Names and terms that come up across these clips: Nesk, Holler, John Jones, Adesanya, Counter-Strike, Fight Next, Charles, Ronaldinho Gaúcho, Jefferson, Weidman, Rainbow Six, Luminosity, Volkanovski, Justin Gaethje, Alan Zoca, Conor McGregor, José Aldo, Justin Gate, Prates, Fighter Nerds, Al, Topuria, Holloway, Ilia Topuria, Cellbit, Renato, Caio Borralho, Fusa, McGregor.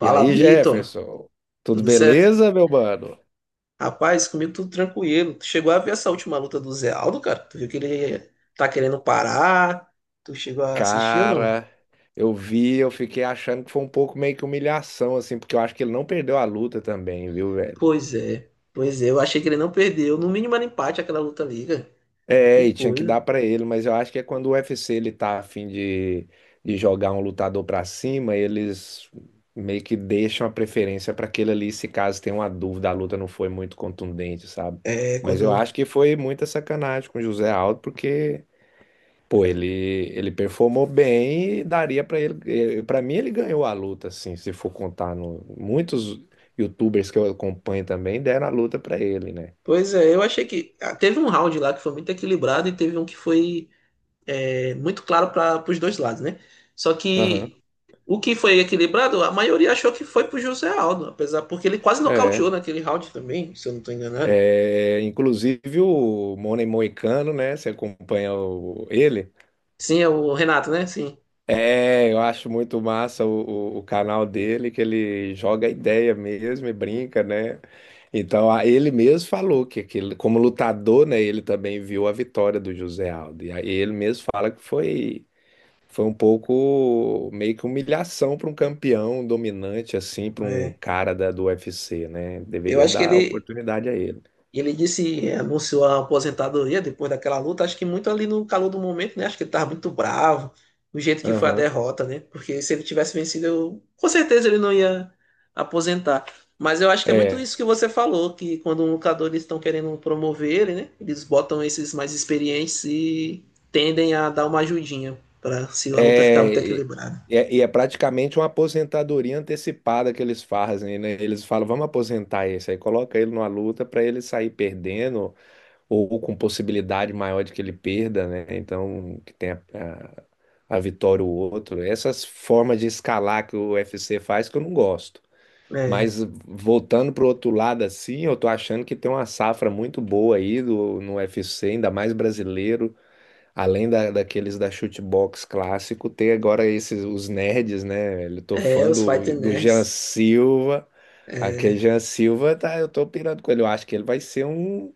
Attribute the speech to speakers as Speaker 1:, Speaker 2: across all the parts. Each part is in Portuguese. Speaker 1: E
Speaker 2: Fala,
Speaker 1: aí,
Speaker 2: Vitor.
Speaker 1: Jefferson? Tudo
Speaker 2: Tudo certo?
Speaker 1: beleza, meu mano?
Speaker 2: Rapaz, comigo tudo tranquilo. Tu chegou a ver essa última luta do Zé Aldo, cara? Tu viu que ele tá querendo parar? Tu chegou a assistir ou não?
Speaker 1: Cara, eu fiquei achando que foi um pouco meio que humilhação, assim, porque eu acho que ele não perdeu a luta também, viu, velho?
Speaker 2: Pois é. Pois é, eu achei que ele não perdeu. No mínimo era empate aquela luta ali, cara.
Speaker 1: É,
Speaker 2: Que
Speaker 1: e tinha que
Speaker 2: coisa.
Speaker 1: dar pra ele, mas eu acho que é quando o UFC ele tá a fim de jogar um lutador pra cima, eles meio que deixam a preferência pra aquele ali, se caso tem uma dúvida, a luta não foi muito contundente, sabe?
Speaker 2: É,
Speaker 1: Mas eu
Speaker 2: quando.
Speaker 1: acho que foi muita sacanagem com o José Aldo, porque. Pô, ele performou bem e daria pra ele. Para mim, ele ganhou a luta, assim, se for contar muitos YouTubers que eu acompanho também deram a luta pra ele, né?
Speaker 2: Pois é, eu achei que. Teve um round lá que foi muito equilibrado e teve um que foi muito claro para os dois lados, né? Só
Speaker 1: Aham.
Speaker 2: que o que foi equilibrado, a maioria achou que foi pro José Aldo, apesar porque ele quase
Speaker 1: É.
Speaker 2: nocauteou naquele round também, se eu não estou enganado.
Speaker 1: É, inclusive o Money Moicano, né? Você acompanha ele?
Speaker 2: Sim, é o Renato, né? Sim.
Speaker 1: É, eu acho muito massa o canal dele, que ele joga a ideia mesmo e brinca, né? Então, ele mesmo falou que, aquele, como lutador, né, ele também viu a vitória do José Aldo. E aí ele mesmo fala que foi, foi um pouco meio que humilhação para um campeão dominante, assim, para um
Speaker 2: É.
Speaker 1: cara da, do UFC, né?
Speaker 2: Eu
Speaker 1: Deveria
Speaker 2: acho que
Speaker 1: dar
Speaker 2: ele
Speaker 1: oportunidade a ele.
Speaker 2: e ele disse, anunciou a aposentadoria depois daquela luta, acho que muito ali no calor do momento, né? Acho que ele estava muito bravo, do jeito que foi a
Speaker 1: Aham.
Speaker 2: derrota, né? Porque se ele tivesse vencido, eu, com certeza ele não ia aposentar. Mas eu acho que é muito
Speaker 1: É.
Speaker 2: isso que você falou, que quando um lutador eles estão querendo promover ele, né? Eles botam esses mais experientes e tendem a dar uma ajudinha para se a luta ficar
Speaker 1: É,
Speaker 2: muito
Speaker 1: e
Speaker 2: equilibrada.
Speaker 1: é, e é praticamente uma aposentadoria antecipada que eles fazem, né? Eles falam, vamos aposentar esse, aí coloca ele numa luta para ele sair perdendo ou com possibilidade maior de que ele perda, né? Então, que tenha a vitória o outro. Essas formas de escalar que o UFC faz que eu não gosto.
Speaker 2: É,
Speaker 1: Mas voltando para o outro lado, assim, eu tô achando que tem uma safra muito boa aí do, no UFC, ainda mais brasileiro, além da, daqueles da shootbox clássico, tem agora esses os nerds, né? Velho? Eu tô
Speaker 2: é
Speaker 1: fã
Speaker 2: os Fighter
Speaker 1: do Jean
Speaker 2: Nerds.
Speaker 1: Silva. Aquele
Speaker 2: É.
Speaker 1: Jean Silva, tá, eu tô pirando com ele. Eu acho que ele vai ser um,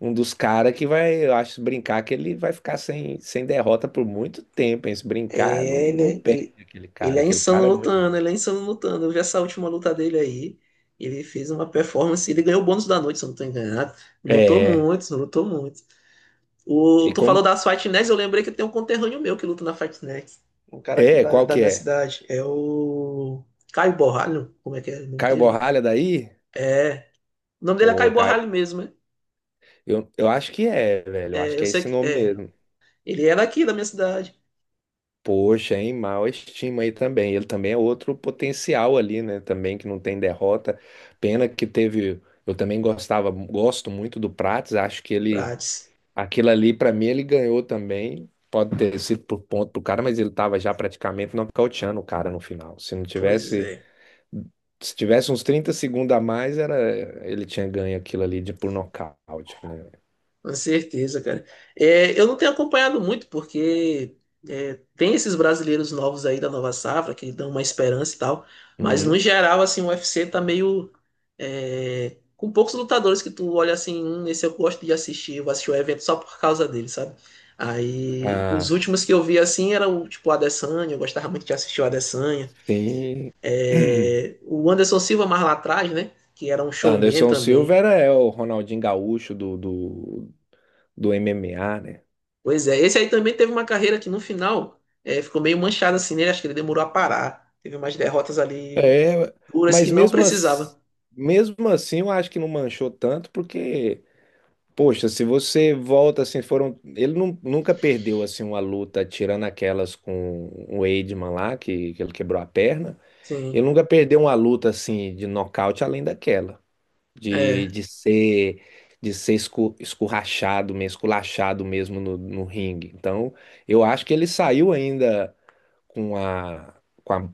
Speaker 1: um dos caras que vai, eu acho, se brincar que ele vai ficar sem derrota por muito tempo, hein? Se brincar, não, não
Speaker 2: É-
Speaker 1: perde
Speaker 2: ele,
Speaker 1: aquele
Speaker 2: ele
Speaker 1: cara.
Speaker 2: é
Speaker 1: Aquele
Speaker 2: insano
Speaker 1: cara é muito bom.
Speaker 2: lutando, ele é insano lutando. Eu vi essa última luta dele aí. Ele fez uma performance, ele ganhou o bônus da noite, se eu não tô enganado. Lutou
Speaker 1: É.
Speaker 2: muito, lutou muito.
Speaker 1: E
Speaker 2: O, tu
Speaker 1: como.
Speaker 2: falou das Fight Next, eu lembrei que tem um conterrâneo meu que luta na Fight Next. Um cara aqui
Speaker 1: É,
Speaker 2: da,
Speaker 1: qual
Speaker 2: da
Speaker 1: que
Speaker 2: minha
Speaker 1: é?
Speaker 2: cidade. É o Caio Borralho, como é que é o nome
Speaker 1: Caio
Speaker 2: dele?
Speaker 1: Borralha daí?
Speaker 2: É, o nome dele é Caio
Speaker 1: Pô, Caio.
Speaker 2: Borralho mesmo, né?
Speaker 1: Eu acho que é, velho. Eu acho
Speaker 2: É,
Speaker 1: que
Speaker 2: eu
Speaker 1: é
Speaker 2: sei
Speaker 1: esse
Speaker 2: que
Speaker 1: nome
Speaker 2: é.
Speaker 1: mesmo.
Speaker 2: Ele era aqui da minha cidade,
Speaker 1: Poxa, hein? Mal estima aí também. Ele também é outro potencial ali, né? Também que não tem derrota. Pena que teve. Eu também gostava, gosto muito do Prates. Acho que ele.
Speaker 2: Prates.
Speaker 1: Aquilo ali, pra mim, ele ganhou também. Pode ter sido por ponto pro cara, mas ele tava já praticamente nocauteando o cara no final. Se não
Speaker 2: Pois
Speaker 1: tivesse,
Speaker 2: é.
Speaker 1: se tivesse uns 30 segundos a mais, era ele tinha ganho aquilo ali de por nocaute, né?
Speaker 2: Com certeza, cara. É, eu não tenho acompanhado muito, porque é, tem esses brasileiros novos aí da nova safra que dão uma esperança e tal, mas no
Speaker 1: Uhum.
Speaker 2: geral, assim, o UFC tá meio. É, com poucos lutadores que tu olha assim, esse eu gosto de assistir, eu vou assistir o evento só por causa dele, sabe? Aí, os
Speaker 1: Ah,
Speaker 2: últimos que eu vi assim eram tipo o Adesanya, eu gostava muito de assistir o Adesanya.
Speaker 1: sim.
Speaker 2: É, o Anderson Silva mais lá atrás, né? Que era um showman
Speaker 1: Anderson Silva
Speaker 2: também.
Speaker 1: era o Ronaldinho Gaúcho do MMA, né?
Speaker 2: Pois é, esse aí também teve uma carreira que no final ficou meio manchada assim nele, acho que ele demorou a parar. Teve umas derrotas ali
Speaker 1: É,
Speaker 2: duras que
Speaker 1: mas
Speaker 2: não
Speaker 1: mesmo,
Speaker 2: precisava.
Speaker 1: mesmo assim eu acho que não manchou tanto, porque poxa, se você volta assim, foram. Ele nunca perdeu assim uma luta, tirando aquelas com o Weidman lá, que, ele quebrou a perna. Ele
Speaker 2: Sim,
Speaker 1: nunca perdeu uma luta assim de nocaute além daquela. De,
Speaker 2: é,
Speaker 1: de ser de ser escurrachado mesmo, esculachado mesmo no ringue. Então, eu acho que ele saiu ainda com a, com a,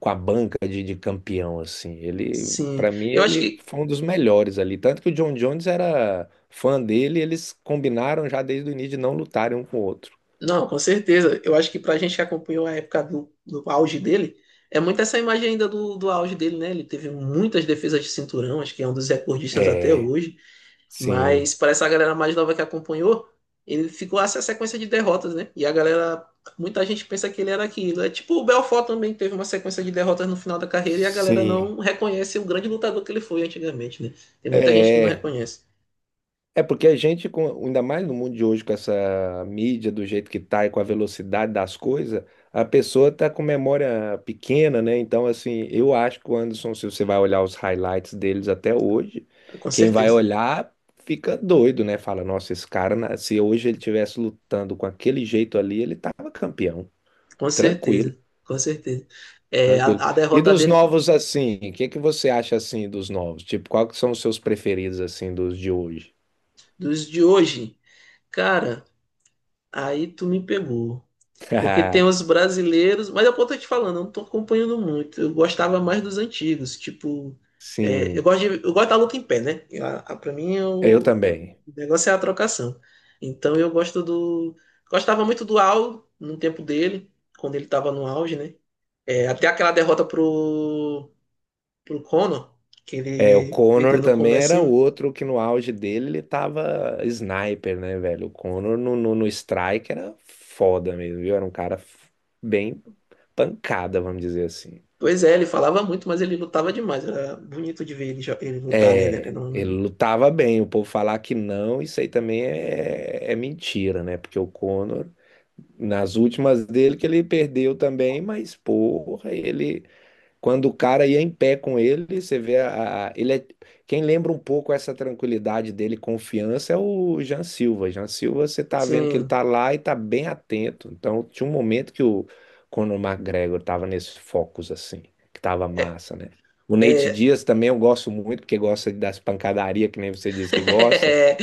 Speaker 1: com a banca de campeão, assim. Ele,
Speaker 2: sim.
Speaker 1: para mim,
Speaker 2: Eu acho
Speaker 1: ele
Speaker 2: que,
Speaker 1: foi um dos melhores ali. Tanto que o John Jones era fã dele, eles combinaram já desde o início de não lutarem um com o outro.
Speaker 2: não, com certeza, eu acho que pra gente que acompanhou a época do auge dele, é muito essa imagem ainda do auge dele, né? Ele teve muitas defesas de cinturão, acho que é um dos recordistas até
Speaker 1: É,
Speaker 2: hoje.
Speaker 1: sim,
Speaker 2: Mas para essa galera mais nova que acompanhou, ele ficou essa sequência de derrotas, né? E a galera, muita gente pensa que ele era aquilo. É tipo o Belfort também teve uma sequência de derrotas no final da carreira e a galera
Speaker 1: sim.
Speaker 2: não reconhece o grande lutador que ele foi antigamente, né? Tem muita gente que não
Speaker 1: É,
Speaker 2: reconhece.
Speaker 1: É, porque a gente, ainda mais no mundo de hoje, com essa mídia do jeito que tá e com a velocidade das coisas, a pessoa tá com memória pequena, né? Então, assim, eu acho que o Anderson, se você vai olhar os highlights deles até hoje,
Speaker 2: Com
Speaker 1: quem vai
Speaker 2: certeza.
Speaker 1: olhar fica doido, né? Fala, nossa, esse cara, se hoje ele tivesse lutando com aquele jeito ali, ele tava campeão.
Speaker 2: Com
Speaker 1: Tranquilo,
Speaker 2: certeza. Com certeza. É,
Speaker 1: tranquilo.
Speaker 2: a
Speaker 1: E
Speaker 2: derrota
Speaker 1: dos
Speaker 2: dele pro-
Speaker 1: novos, assim, o que que você acha, assim, dos novos? Tipo, qual que são os seus preferidos, assim, dos de hoje?
Speaker 2: dos de hoje, cara, aí tu me pegou. Porque tem os brasileiros, mas é o que eu tô te falando, eu não tô acompanhando muito. Eu gostava mais dos antigos, tipo, é, eu
Speaker 1: Sim.
Speaker 2: gosto de- eu gosto da luta em pé, né? A- pra mim
Speaker 1: É, eu
Speaker 2: o
Speaker 1: também.
Speaker 2: negócio é a trocação. Então eu gosto do, gostava muito do Al no tempo dele, quando ele tava no auge, né? É, até aquela derrota pro Conor, que
Speaker 1: É, o
Speaker 2: ele perdeu
Speaker 1: Connor
Speaker 2: no
Speaker 1: também era
Speaker 2: comecinho.
Speaker 1: outro que no auge dele ele tava sniper, né, velho? O Connor no strike era foda mesmo, viu? Era um cara bem pancada, vamos dizer assim.
Speaker 2: Pois é, ele falava muito, mas ele lutava demais. Era bonito de ver ele, jo- ele lutar, né? Ele
Speaker 1: É,
Speaker 2: era
Speaker 1: ele
Speaker 2: um,
Speaker 1: lutava bem, o povo falar que não, isso aí também é mentira, né? Porque o Conor, nas últimas dele, que ele perdeu também, mas porra, ele. Quando o cara ia em pé com ele, você vê quem lembra um pouco essa tranquilidade dele, confiança, é o Jean Silva. Jean Silva, você tá vendo que ele
Speaker 2: sim
Speaker 1: tá lá e tá bem atento. Então, tinha um momento que o Conor McGregor tava nesse focus assim, que tava
Speaker 2: é,
Speaker 1: massa, né? O Nate
Speaker 2: é,
Speaker 1: Diaz também eu gosto muito, porque gosta das pancadarias, que nem você disse que gosta.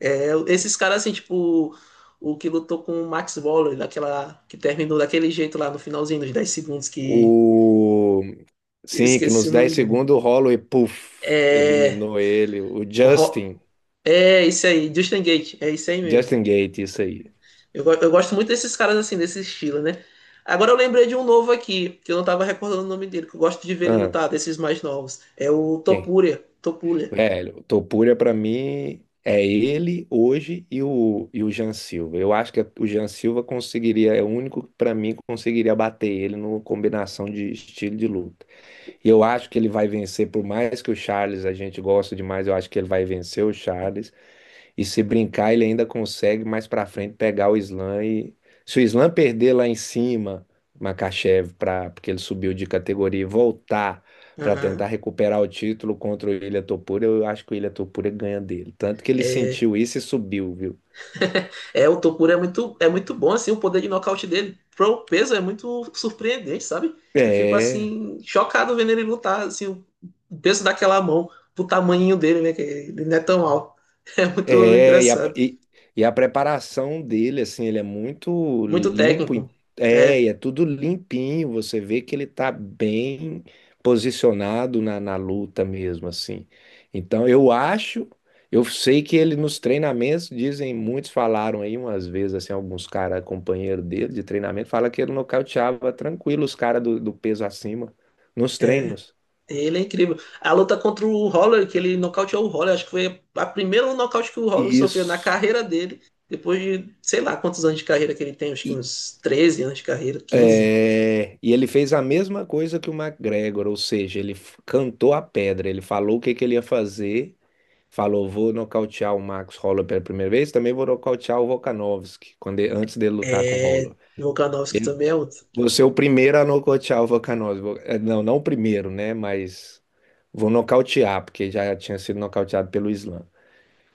Speaker 2: É, é, esses caras, assim, tipo, o que lutou com o Max Waller, daquela, que terminou daquele jeito lá no finalzinho dos 10 segundos, que
Speaker 1: O
Speaker 2: eu
Speaker 1: sim, que
Speaker 2: esqueci
Speaker 1: nos
Speaker 2: o
Speaker 1: 10
Speaker 2: nome dele.
Speaker 1: segundos o Holloway, puff,
Speaker 2: É,
Speaker 1: eliminou ele. O
Speaker 2: o Ro-
Speaker 1: Justin,
Speaker 2: é isso aí, Justin Gate é isso aí mesmo.
Speaker 1: Justin Gaethje, isso aí.
Speaker 2: Eu, go- eu gosto muito desses caras, assim, desse estilo, né? Agora eu lembrei de um novo aqui, que eu não tava recordando o nome dele, que eu gosto de ver ele
Speaker 1: Ah,
Speaker 2: lutar, desses mais novos. É o
Speaker 1: quem?
Speaker 2: Topuria.
Speaker 1: É, o Topuria pra mim é ele hoje e o Jean Silva. Eu acho que o Jean Silva conseguiria, é o único que pra mim conseguiria bater ele no combinação de estilo de luta. E eu acho que ele vai vencer, por mais que o Charles a gente gosta demais, eu acho que ele vai vencer o Charles. E se brincar, ele ainda consegue mais pra frente pegar o Islam e se o Islam perder lá em cima, Makachev, para porque ele subiu de categoria e voltar pra
Speaker 2: Aham.
Speaker 1: tentar recuperar o título contra o Ilia Topuria, eu acho que o Ilia Topuria ganha dele. Tanto que ele sentiu isso e subiu, viu?
Speaker 2: É, o Topura é muito bom, assim, o poder de nocaute dele. Pro peso é muito surpreendente, sabe? Eu fico,
Speaker 1: É.
Speaker 2: assim, chocado vendo ele lutar, assim, o peso daquela mão, pro tamanho dele, né? Que ele não é tão alto. É muito
Speaker 1: É, e a,
Speaker 2: engraçado.
Speaker 1: e, e a preparação dele, assim, ele é muito
Speaker 2: Muito
Speaker 1: limpo.
Speaker 2: técnico.
Speaker 1: É, e
Speaker 2: É,
Speaker 1: é tudo limpinho. Você vê que ele tá bem posicionado na luta mesmo, assim. Então, eu acho, eu sei que ele nos treinamentos, dizem, muitos falaram aí umas vezes, assim, alguns caras, companheiro dele de treinamento, fala que ele nocauteava tranquilo os caras do peso acima nos
Speaker 2: é.
Speaker 1: treinos.
Speaker 2: Ele é incrível. A luta contra o Holler, que ele nocauteou o Holler, acho que foi a primeira nocaute que o Holler sofreu na
Speaker 1: Isso.
Speaker 2: carreira dele, depois de, sei lá, quantos anos de carreira que ele tem, acho que uns 13 anos de carreira, quinze.
Speaker 1: É, e ele fez a mesma coisa que o McGregor, ou seja, ele cantou a pedra, ele falou o que que ele ia fazer, falou, vou nocautear o Max Holloway pela primeira vez, também vou nocautear o Volkanovski, quando antes dele lutar com o
Speaker 2: É,
Speaker 1: Holloway.
Speaker 2: Volkanovski
Speaker 1: Ele,
Speaker 2: também é outro.
Speaker 1: você é o primeiro a nocautear o Volkanovski, não, não o primeiro, né, mas vou nocautear, porque já tinha sido nocauteado pelo Islam.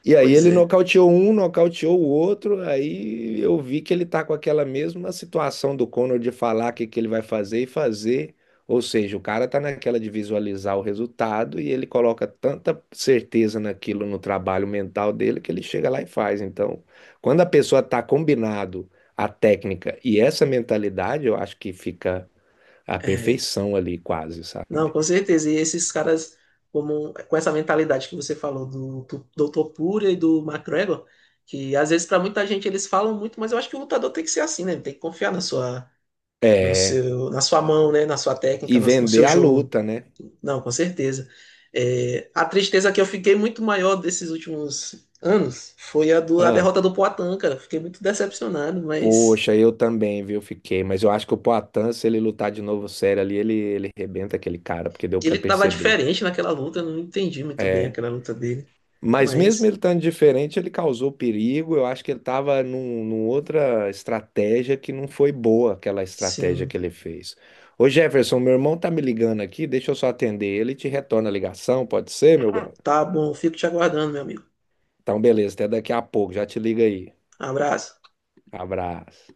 Speaker 1: E aí
Speaker 2: Pois
Speaker 1: ele
Speaker 2: é.
Speaker 1: nocauteou um, nocauteou o outro, aí eu vi que ele tá com aquela mesma situação do Conor de falar o que que ele vai fazer e fazer. Ou seja, o cara tá naquela de visualizar o resultado e ele coloca tanta certeza naquilo no trabalho mental dele que ele chega lá e faz. Então, quando a pessoa tá combinado a técnica e essa mentalidade, eu acho que fica a
Speaker 2: É,
Speaker 1: perfeição ali quase,
Speaker 2: não,
Speaker 1: sabe?
Speaker 2: com certeza. E esses caras, como, com essa mentalidade que você falou do Dr. Puria e do McGregor, que às vezes para muita gente eles falam muito, mas eu acho que o lutador tem que ser assim, né? Tem que confiar na sua, no
Speaker 1: É,
Speaker 2: seu, na sua mão, né? Na sua
Speaker 1: e
Speaker 2: técnica, na- no
Speaker 1: vender
Speaker 2: seu
Speaker 1: a
Speaker 2: jogo.
Speaker 1: luta, né?
Speaker 2: Não, com certeza. É, a tristeza que eu fiquei muito maior desses últimos anos foi a, do, a
Speaker 1: Ahn.
Speaker 2: derrota do Poatan, cara. Fiquei muito decepcionado, mas
Speaker 1: Poxa, eu também, viu? Fiquei, mas eu acho que o Poatan, se ele lutar de novo sério ali, ele rebenta aquele cara, porque deu pra
Speaker 2: ele tava
Speaker 1: perceber.
Speaker 2: diferente naquela luta. Eu não entendi muito bem
Speaker 1: É.
Speaker 2: aquela luta dele.
Speaker 1: Mas mesmo
Speaker 2: Mas,
Speaker 1: ele estando diferente, ele causou perigo. Eu acho que ele estava num outra estratégia que não foi boa, aquela estratégia
Speaker 2: sim,
Speaker 1: que ele fez. Ô Jefferson, meu irmão tá me ligando aqui, deixa eu só atender ele e te retorna a ligação, pode ser, meu brother?
Speaker 2: tá bom. Fico te aguardando, meu amigo.
Speaker 1: Então, beleza, até daqui a pouco, já te liga aí.
Speaker 2: Abraço.
Speaker 1: Abraço.